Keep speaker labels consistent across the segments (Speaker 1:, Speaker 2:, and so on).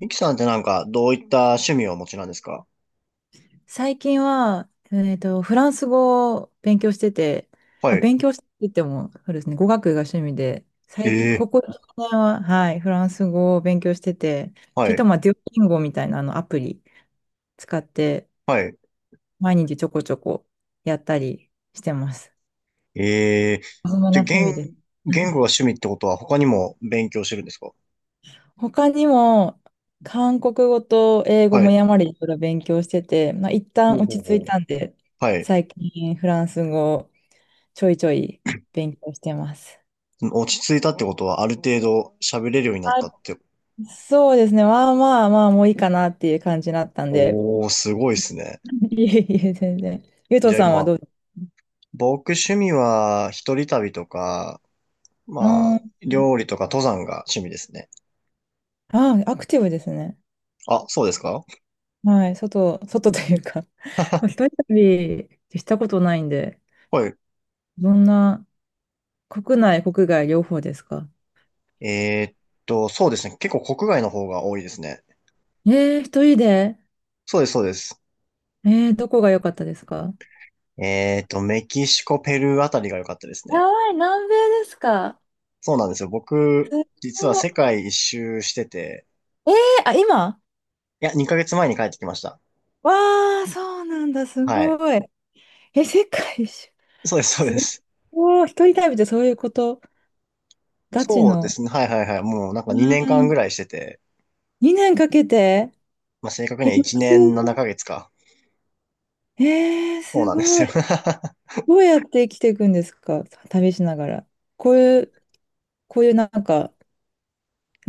Speaker 1: ミキさんってなんか、どういった趣味をお持ちなんですか？
Speaker 2: 最近は、フランス語を勉強してて、
Speaker 1: は
Speaker 2: あ、
Speaker 1: い。
Speaker 2: 勉強しててっても、そうですね、語学が趣味で、
Speaker 1: え
Speaker 2: 最近、
Speaker 1: え、
Speaker 2: ここ数年は、はい、フランス語を勉強してて、ちょ
Speaker 1: は
Speaker 2: っと
Speaker 1: い、
Speaker 2: まあ、デュオリンゴみたいなあのアプリ使って、
Speaker 1: はい。
Speaker 2: 毎日ちょこちょこやったりしてます。
Speaker 1: ええ、
Speaker 2: そんな
Speaker 1: じゃ、
Speaker 2: 趣味です。
Speaker 1: 言語が趣味ってことは他にも勉強してるんですか？
Speaker 2: 他にも、韓国語と英語
Speaker 1: は
Speaker 2: も
Speaker 1: い。
Speaker 2: やまりいろいろ勉強してて、まあ、一旦
Speaker 1: ほう
Speaker 2: 落
Speaker 1: ほ
Speaker 2: ち
Speaker 1: う
Speaker 2: 着
Speaker 1: ほ
Speaker 2: い
Speaker 1: う。
Speaker 2: たんで、
Speaker 1: はい。
Speaker 2: 最近フランス語をちょいちょい勉強してます。
Speaker 1: 落ち着いたってことはある程度喋れるようになった
Speaker 2: あ、
Speaker 1: って。
Speaker 2: そうですね。まあまあまあ、もういいかなっていう感じだったんで。
Speaker 1: おー、すごいですね。
Speaker 2: いえいえ、全然。ゆうと
Speaker 1: じゃあ
Speaker 2: さんは
Speaker 1: 今、
Speaker 2: どうです
Speaker 1: 僕趣味は一人旅とか、
Speaker 2: か？うーん。
Speaker 1: まあ、料理とか登山が趣味ですね。
Speaker 2: ああ、アクティブですね。
Speaker 1: あ、そうですか？
Speaker 2: はい。外というか。一 人旅ってしたことないんで、
Speaker 1: はい。
Speaker 2: どんな、国内、国外両方ですか？
Speaker 1: えーっそうですね。結構国外の方が多いですね。
Speaker 2: 一人で。
Speaker 1: そうです、そうです。
Speaker 2: どこが良かったですか？
Speaker 1: メキシコ、ペルーあたりが良かったです
Speaker 2: や
Speaker 1: ね。
Speaker 2: ばい、南米ですか？
Speaker 1: そうなんですよ。僕、
Speaker 2: す
Speaker 1: 実は
Speaker 2: ごい。
Speaker 1: 世界一周してて、
Speaker 2: えー、あ、今。
Speaker 1: いや、2ヶ月前に帰ってきました。
Speaker 2: わあ、そうなんだ、す
Speaker 1: は
Speaker 2: ご
Speaker 1: い。
Speaker 2: い。え、世界一周。
Speaker 1: そうです、そう
Speaker 2: す
Speaker 1: です。
Speaker 2: ごい、一人旅ってそういうこと、ガチ
Speaker 1: そうで
Speaker 2: の。
Speaker 1: すね。はいはいはい。もうなんか
Speaker 2: う
Speaker 1: 2年間ぐ
Speaker 2: ん、
Speaker 1: らいしてて、
Speaker 2: 2年かけて、
Speaker 1: まあ、正確に
Speaker 2: え、
Speaker 1: は
Speaker 2: 学
Speaker 1: 1年
Speaker 2: 生さ
Speaker 1: 7ヶ月かげつか。
Speaker 2: ん。
Speaker 1: そう
Speaker 2: す
Speaker 1: なんです
Speaker 2: ごい。
Speaker 1: よ。
Speaker 2: どうやって生きていくんですか、旅しながら。こういう、こういうなんか、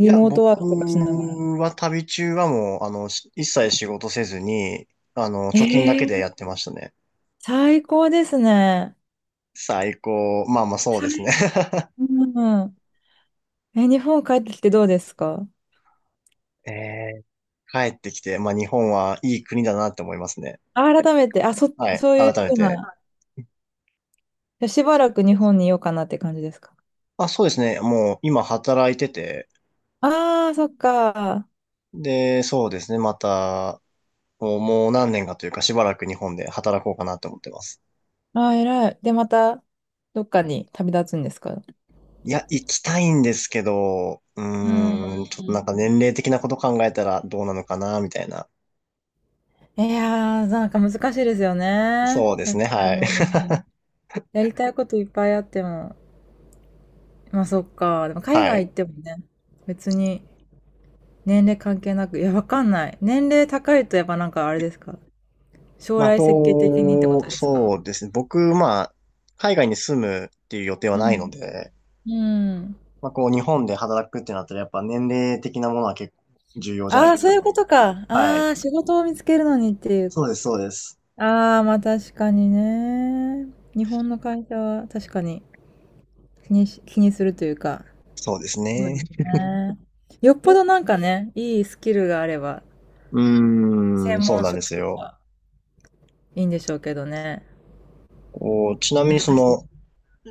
Speaker 1: いや、
Speaker 2: モートワー
Speaker 1: 僕
Speaker 2: クとかしながら。
Speaker 1: は旅中はもう、し一切仕事せずに、貯金だ
Speaker 2: え
Speaker 1: けで
Speaker 2: ー、
Speaker 1: やってましたね。
Speaker 2: 最高ですね。
Speaker 1: 最高。まあまあそうですね。
Speaker 2: 最 高。うん。え、日本帰ってきてどうですか？
Speaker 1: え帰ってきて、まあ日本はいい国だなって思いますね。
Speaker 2: あ改めて、あ、そ、
Speaker 1: はい。
Speaker 2: そういう
Speaker 1: 改め
Speaker 2: ふう
Speaker 1: て。
Speaker 2: な、しばらく日本にいようかなって感じですか？
Speaker 1: あ、そうですね。もう今働いてて、
Speaker 2: ああー、そっか。
Speaker 1: で、そうですね。また、もう何年かというかしばらく日本で働こうかなって思ってます。
Speaker 2: ああ、偉い。で、また、どっかに旅立つんですか？
Speaker 1: いや、行きたいんですけど、う
Speaker 2: うん。
Speaker 1: ーん、ちょっとなんか年齢的なこと考えたらどうなのかな、みたいな。
Speaker 2: いやー、なんか難しいですよね。
Speaker 1: そうですね。
Speaker 2: 確か
Speaker 1: はい。
Speaker 2: に。やりたいこといっぱいあっても。まあそっか。でも海
Speaker 1: は
Speaker 2: 外行
Speaker 1: い。
Speaker 2: ってもね、別に年齢関係なく、いや、わかんない。年齢高いとやっぱなんかあれですか？将
Speaker 1: まあ、
Speaker 2: 来設計的にってこ
Speaker 1: こ
Speaker 2: と
Speaker 1: う、
Speaker 2: ですか？
Speaker 1: そうですね。僕、まあ、海外に住むっていう予定は
Speaker 2: う
Speaker 1: ないの
Speaker 2: ん。
Speaker 1: で、
Speaker 2: うん。
Speaker 1: まあ、こう、日本で働くってなったら、やっぱ年齢的なものは結構重要じゃない
Speaker 2: ああ、
Speaker 1: で
Speaker 2: そう
Speaker 1: す
Speaker 2: いう
Speaker 1: か。
Speaker 2: ことか。
Speaker 1: はい。
Speaker 2: ああ、仕事を見つけるのにっていう。
Speaker 1: そうです、そうです。
Speaker 2: ああ、まあ確かにね。日本の会社は確かに。気にするというか、
Speaker 1: そうです
Speaker 2: そう
Speaker 1: ね。
Speaker 2: ですね。よっぽど なんかね、いいスキルがあれば、
Speaker 1: うーん、
Speaker 2: 専
Speaker 1: そう
Speaker 2: 門
Speaker 1: なんで
Speaker 2: 職
Speaker 1: す
Speaker 2: と
Speaker 1: よ。
Speaker 2: かいいんでしょうけどね。
Speaker 1: こう、ちなみ
Speaker 2: 難
Speaker 1: にそ
Speaker 2: しい。
Speaker 1: の、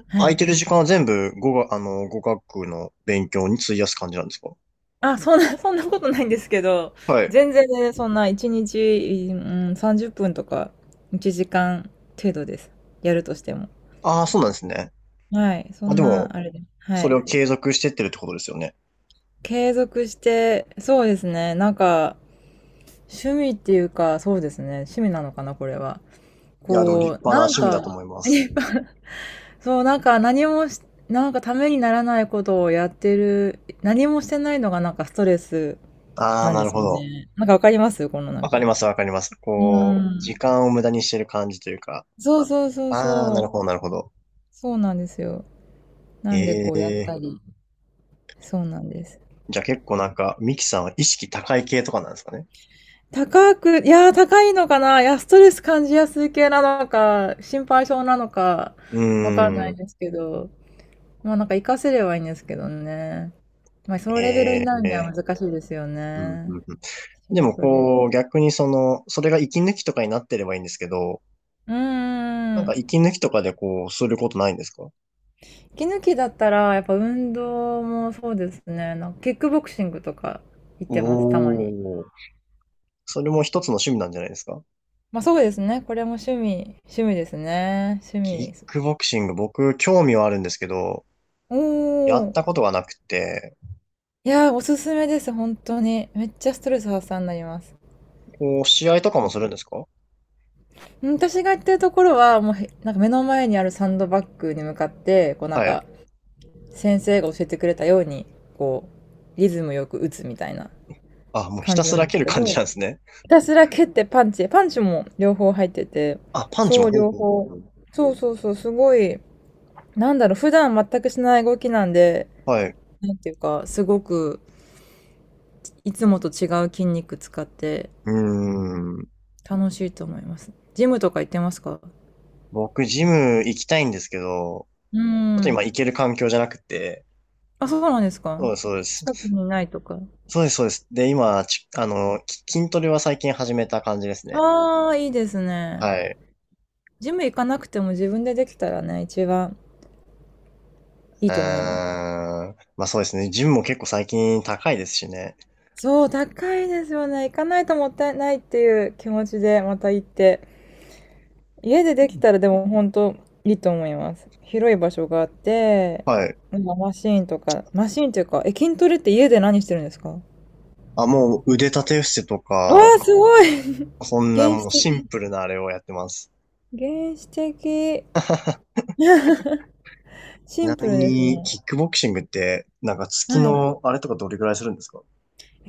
Speaker 2: は
Speaker 1: 空い
Speaker 2: い。
Speaker 1: てる時間は全部語学、語学の勉強に費やす感じなんですか？
Speaker 2: あ、そんな、そんなことないんですけど、
Speaker 1: はい。
Speaker 2: 全然ね、そんな1日、うん、30分とか1時間程度です。やるとしても。
Speaker 1: ああ、そうなんですね。
Speaker 2: はい。そ
Speaker 1: まあ、
Speaker 2: ん
Speaker 1: で
Speaker 2: な、あ
Speaker 1: も、
Speaker 2: れです。は
Speaker 1: それを
Speaker 2: い。
Speaker 1: 継続してってるってことですよね。
Speaker 2: 継続して、そうですね。なんか、趣味っていうか、そうですね。趣味なのかな、これは。
Speaker 1: いや、でも立
Speaker 2: こう、
Speaker 1: 派な
Speaker 2: なん
Speaker 1: 趣味だ
Speaker 2: か、
Speaker 1: と思います。
Speaker 2: そう、なんか何もし、なんかためにならないことをやってる、何もしてないのがなんかストレス
Speaker 1: ああ、
Speaker 2: なん
Speaker 1: な
Speaker 2: で
Speaker 1: る
Speaker 2: す
Speaker 1: ほ
Speaker 2: よ
Speaker 1: ど。
Speaker 2: ね。なんかわかりますこのなん
Speaker 1: わかり
Speaker 2: か。
Speaker 1: ます、わかります。
Speaker 2: う
Speaker 1: こう、時
Speaker 2: ん。
Speaker 1: 間を無駄にしてる感じというか。
Speaker 2: そうそうそう
Speaker 1: ああ、
Speaker 2: そ
Speaker 1: なる
Speaker 2: う。
Speaker 1: ほど、なるほど。
Speaker 2: そうなんですよ。なんでこうやっ
Speaker 1: ええ、
Speaker 2: たり。そうなんです。
Speaker 1: じゃあ結構なんか、ミキさんは意識高い系とかなんですかね。
Speaker 2: いやー高いのかないや、ストレス感じやすい系なのか、心配性なのか、
Speaker 1: う
Speaker 2: わかんな
Speaker 1: ー
Speaker 2: い
Speaker 1: ん。
Speaker 2: ですけど。まあなんか活かせればいいんですけどね。まあそのレベルに
Speaker 1: え
Speaker 2: なるに
Speaker 1: え、
Speaker 2: は難しいですよ
Speaker 1: うん
Speaker 2: ね。
Speaker 1: うんうん。
Speaker 2: 仕
Speaker 1: でも
Speaker 2: 事で。
Speaker 1: こう、逆にその、それが息抜きとかになってればいいんですけど、
Speaker 2: うー
Speaker 1: なんか
Speaker 2: ん。
Speaker 1: 息抜きとかでこう、することないんですか？
Speaker 2: 息抜きだったら、やっぱ運動もそうですね。なんかキックボクシングとか行ってます、た
Speaker 1: お
Speaker 2: まに。
Speaker 1: おー。それも一つの趣味なんじゃないですか？
Speaker 2: まあそうですね。これも趣味、趣味ですね。趣
Speaker 1: キッ
Speaker 2: 味。
Speaker 1: クボクシング、僕、興味はあるんですけど、や
Speaker 2: お
Speaker 1: ったこ
Speaker 2: ー。
Speaker 1: とがなくて、
Speaker 2: いやー、おすすめです、本当に。めっちゃストレス発散になります。
Speaker 1: こう、試合とかもするんですか？
Speaker 2: うん、私が行ってるところは、もうへ、なんか目の前にあるサンドバッグに向かって、こうなん
Speaker 1: はい。
Speaker 2: か、先生が教えてくれたように、こう、リズムよく打つみたいな
Speaker 1: あ、もうひ
Speaker 2: 感
Speaker 1: た
Speaker 2: じな
Speaker 1: す
Speaker 2: ん
Speaker 1: ら
Speaker 2: で
Speaker 1: 蹴
Speaker 2: す
Speaker 1: る
Speaker 2: け
Speaker 1: 感じ
Speaker 2: ど、
Speaker 1: なんですね。
Speaker 2: ひたすら蹴ってパンチも両方入ってて、
Speaker 1: あ、パンチ
Speaker 2: そ
Speaker 1: も、
Speaker 2: う、
Speaker 1: ほう
Speaker 2: 両
Speaker 1: ほうほうほ
Speaker 2: 方。
Speaker 1: う。
Speaker 2: そうそうそう、すごい、なんだろう、普段全くしない動きなんで、
Speaker 1: はい。
Speaker 2: なんていうか、すごく、いつもと違う筋肉使って、
Speaker 1: うーん。
Speaker 2: 楽しいと思います。ジムとか行ってますか？
Speaker 1: 僕、ジム行きたいんですけど、
Speaker 2: うー
Speaker 1: ちょっと
Speaker 2: ん。
Speaker 1: 今行ける環境じゃなくて、
Speaker 2: あ、そうなんです
Speaker 1: そ
Speaker 2: か？
Speaker 1: うです、そうです。
Speaker 2: 近くにないとか。
Speaker 1: そうです、そうです。で、今、ちあの、き筋トレは最近始めた感じですね。
Speaker 2: ああ、いいですね。
Speaker 1: はい。
Speaker 2: ジム行かなくても自分でできたらね、一番い
Speaker 1: う
Speaker 2: いと思いま
Speaker 1: ー
Speaker 2: す。
Speaker 1: ん。まあそうですね。ジムも結構最近高いですしね。
Speaker 2: そう、高いですよね。行かないともったいないっていう気持ちでまた行って。家でできたらでも本当いいと思います。広い場所があって、
Speaker 1: はい。
Speaker 2: なんかマシーンとか、マシーンっていうか、筋トレって家で何してるんですか？わ
Speaker 1: あ、もう腕立て伏せと
Speaker 2: あ、
Speaker 1: か、
Speaker 2: すごい
Speaker 1: そ んな
Speaker 2: 原始
Speaker 1: もうシン
Speaker 2: 的。
Speaker 1: プルなあれをやってます。
Speaker 2: 原始的。
Speaker 1: ち
Speaker 2: シン
Speaker 1: な
Speaker 2: プ
Speaker 1: み
Speaker 2: ルです
Speaker 1: に、
Speaker 2: ね。
Speaker 1: キックボクシングって、なんか
Speaker 2: は
Speaker 1: 月
Speaker 2: い。
Speaker 1: のあれとかどれぐらいするんですか？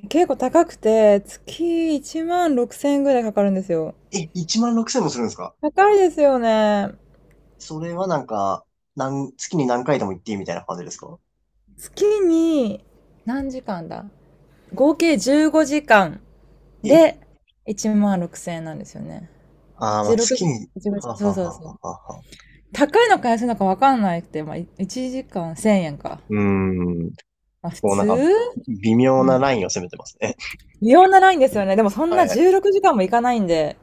Speaker 2: 結構高くて、月1万6000円ぐらいかかるんですよ。
Speaker 1: え、16,000もするんですか？
Speaker 2: 高いですよね。
Speaker 1: それはなんか、月に何回でも行っていいみたいな感じですか？
Speaker 2: 月に何時間だ、合計15時間
Speaker 1: え、
Speaker 2: で1万6000円なんですよね。
Speaker 1: ああー、まあ
Speaker 2: 16
Speaker 1: 月
Speaker 2: 時、
Speaker 1: に、
Speaker 2: 15
Speaker 1: は
Speaker 2: 時、
Speaker 1: あ
Speaker 2: そ
Speaker 1: は
Speaker 2: う
Speaker 1: あは
Speaker 2: そう
Speaker 1: あ
Speaker 2: そう。
Speaker 1: はあはあ。
Speaker 2: 高いのか安いのか分かんないって、まあ、1時間1000円か。
Speaker 1: うーん。
Speaker 2: まあ、普
Speaker 1: こうなんか、
Speaker 2: 通。
Speaker 1: 微妙
Speaker 2: う
Speaker 1: なラ
Speaker 2: ん。
Speaker 1: インを攻めてますね。
Speaker 2: 微妙なラインですよね。でもそ んな
Speaker 1: はい。
Speaker 2: 16時間もいかないんで、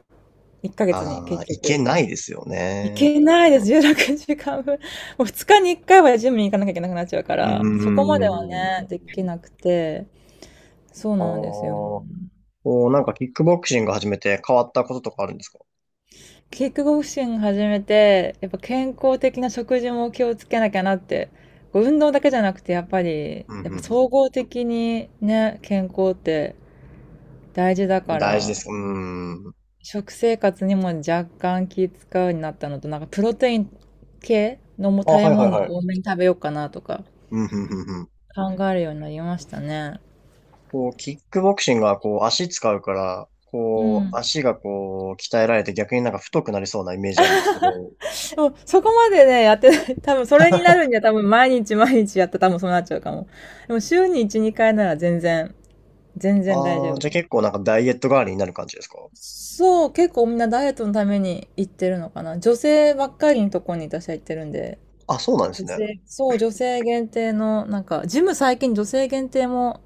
Speaker 2: 1ヶ月に
Speaker 1: ああ、
Speaker 2: 結
Speaker 1: いけ
Speaker 2: 局。
Speaker 1: ないですよ
Speaker 2: い
Speaker 1: ね。
Speaker 2: けないです、16時間分。もう2日に1回はジムに行かなきゃいけなくなっちゃうか
Speaker 1: うー
Speaker 2: ら、そこまでは
Speaker 1: ん。
Speaker 2: ね、できなくて、そう
Speaker 1: ああ、
Speaker 2: なんですよ。
Speaker 1: こうなんかキックボクシング始めて変わったこととかあるんですか？
Speaker 2: キックボクシング始めて、やっぱ健康的な食事も気をつけなきゃなって、こう運動だけじゃなくて、
Speaker 1: うん、
Speaker 2: やっぱ
Speaker 1: うん、
Speaker 2: 総合的にね、健康って大事だ
Speaker 1: うん。
Speaker 2: か
Speaker 1: 大事です
Speaker 2: ら、
Speaker 1: か？うーん。
Speaker 2: 食生活にも若干気使うようになったのと、なんかプロテイン系のも
Speaker 1: あ、
Speaker 2: 食べ
Speaker 1: はいはい
Speaker 2: 物を
Speaker 1: はい。
Speaker 2: 多めに食べようかなとか
Speaker 1: うん、うん、うん、うん。
Speaker 2: 考えるようになりましたね。
Speaker 1: こう、キックボクシングはこう、足使うから、
Speaker 2: う
Speaker 1: こう、
Speaker 2: ん。
Speaker 1: 足がこう、鍛えられて逆になんか太くなりそうなイメージあるんですけど、
Speaker 2: そう、そこまでね、やってない。多分それになるには多分毎日毎日やったら多分そうなっちゃうかも。でも週に1、2回なら全然大丈
Speaker 1: ああ、
Speaker 2: 夫
Speaker 1: じゃあ
Speaker 2: で
Speaker 1: 結構なんかダイエット代わりになる感じですか？
Speaker 2: す。そう、結構みんなダイエットのために行ってるのかな。女性ばっかりのとこに私は行ってるんで。
Speaker 1: あ、そうなんです
Speaker 2: 女
Speaker 1: ね。
Speaker 2: 性、そう、女性限定の、なんか、ジム最近女性限定も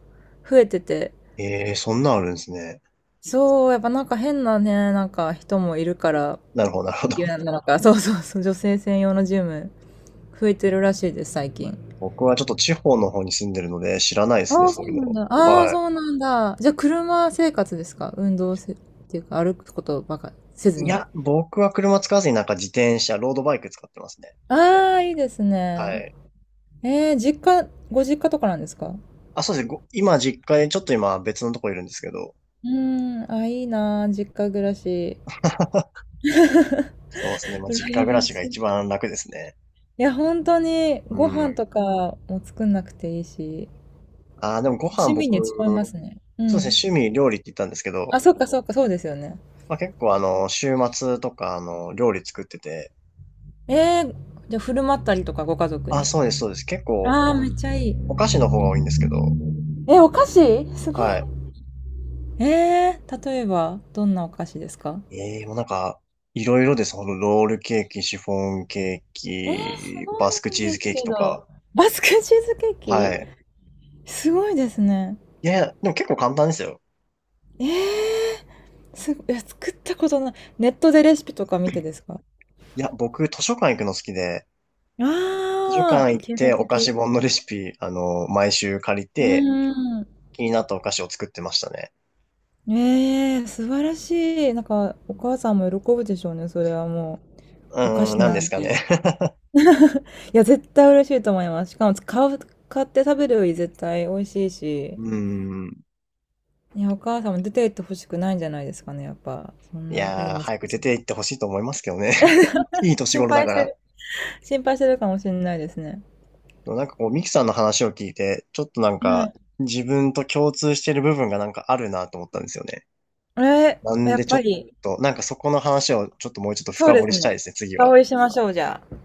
Speaker 2: 増えてて、
Speaker 1: ええ、そんなんあるんですね。
Speaker 2: そう、やっぱなんか変なね、なんか人もいるから、
Speaker 1: なるほど、なるほど。
Speaker 2: 言う なのか、そうそうそう、女性専用のジム、増えてるらしいです、最近。
Speaker 1: 僕はちょっと地方の方に住んでるので知らないですね、
Speaker 2: ああ、
Speaker 1: そ
Speaker 2: そ
Speaker 1: ういう
Speaker 2: うなん
Speaker 1: の。
Speaker 2: だ。ああ、
Speaker 1: は
Speaker 2: そうなんだ。じゃあ、車生活ですか？運動せ、っていうか、歩くことばかせず
Speaker 1: い。い
Speaker 2: に。
Speaker 1: や、僕は車使わずになんか自転車、ロードバイク使ってますね。
Speaker 2: ああ、いいです
Speaker 1: は
Speaker 2: ね。
Speaker 1: い。
Speaker 2: 実家、ご実家とかなんですか？う
Speaker 1: あ、そうですね。今、実家に、ちょっと今別のとこいるんですけど。
Speaker 2: ーん、あ、いいなー、実家暮らし。
Speaker 1: そうですね。まあ、実家
Speaker 2: 羨
Speaker 1: 暮ら
Speaker 2: ま
Speaker 1: しが
Speaker 2: し
Speaker 1: 一
Speaker 2: い。
Speaker 1: 番楽ですね。
Speaker 2: いや、本当に
Speaker 1: う
Speaker 2: ご飯と
Speaker 1: ん。
Speaker 2: かも作んなくていいし、
Speaker 1: ああ、でもご飯
Speaker 2: 趣
Speaker 1: 僕、
Speaker 2: 味に使いますね。う
Speaker 1: そうで
Speaker 2: ん。
Speaker 1: すね、趣味料理って言ったんですけど、
Speaker 2: あ、そっかそっか、そうですよね。
Speaker 1: まあ、結構週末とか料理作ってて、
Speaker 2: えー、じゃあ振る舞ったりとかご家族
Speaker 1: ああ、
Speaker 2: に。
Speaker 1: そうです、そうです。結構
Speaker 2: ああ、
Speaker 1: お、
Speaker 2: めっちゃいい。
Speaker 1: お菓子の方が多いんですけど、
Speaker 2: え、お菓子すごい。
Speaker 1: は
Speaker 2: 例えば、どんなお菓子ですか？
Speaker 1: い。ええ、もうなんか、いろいろです。このロールケーキ、シフォンケー
Speaker 2: す
Speaker 1: キ、バスク
Speaker 2: ごいん
Speaker 1: チー
Speaker 2: で
Speaker 1: ズ
Speaker 2: す
Speaker 1: ケーキ
Speaker 2: け
Speaker 1: とか。
Speaker 2: ど。バスクチーズケー
Speaker 1: は
Speaker 2: キ
Speaker 1: い。
Speaker 2: すごいですね。
Speaker 1: いやいや、でも結構簡単ですよ。
Speaker 2: えいや、作ったことない。ネットでレシピとか見てですか？
Speaker 1: いや、僕、図書館行くの好きで、図書
Speaker 2: ああ
Speaker 1: 館
Speaker 2: ー、
Speaker 1: 行っ
Speaker 2: 経
Speaker 1: て
Speaker 2: 済
Speaker 1: お菓子
Speaker 2: 的。
Speaker 1: 本のレシピ、毎週借り
Speaker 2: う
Speaker 1: て、
Speaker 2: ーん。
Speaker 1: 気になったお菓子を作ってましたね。
Speaker 2: ええ、素晴らしい。なんか、お母さんも喜ぶでしょうね、それはも
Speaker 1: う
Speaker 2: う。お菓
Speaker 1: ーん、
Speaker 2: 子
Speaker 1: なんで
Speaker 2: なん
Speaker 1: すか
Speaker 2: て。
Speaker 1: ね。
Speaker 2: いや、絶対嬉しいと思います。しかも、買って食べるより絶対美味しいし。
Speaker 1: うん。
Speaker 2: いや、お母さんも出て行ってほしくないんじゃないですかね、やっぱ。そん
Speaker 1: い
Speaker 2: ないい
Speaker 1: やー、
Speaker 2: 息
Speaker 1: 早
Speaker 2: 子
Speaker 1: く出
Speaker 2: さ
Speaker 1: て
Speaker 2: ん。
Speaker 1: 行ってほしいと思いますけどね。いい年
Speaker 2: 心
Speaker 1: 頃だ
Speaker 2: 配
Speaker 1: か
Speaker 2: して
Speaker 1: ら。
Speaker 2: る、心配してるかもしれないですね。
Speaker 1: でもなんかこう、ミキさんの話を聞いて、ちょっとなん
Speaker 2: は
Speaker 1: か、
Speaker 2: い。
Speaker 1: 自分と共通してる部分がなんかあるなと思ったんですよね。
Speaker 2: ええ、
Speaker 1: なん
Speaker 2: や
Speaker 1: で
Speaker 2: っ
Speaker 1: ちょ
Speaker 2: ぱ
Speaker 1: っ
Speaker 2: り、
Speaker 1: と、なんかそこの話をちょっともうちょっと
Speaker 2: そう
Speaker 1: 深
Speaker 2: で
Speaker 1: 掘り
Speaker 2: す
Speaker 1: したい
Speaker 2: ね。
Speaker 1: ですね、次
Speaker 2: 深
Speaker 1: は。
Speaker 2: 追いしましょう、じゃあ。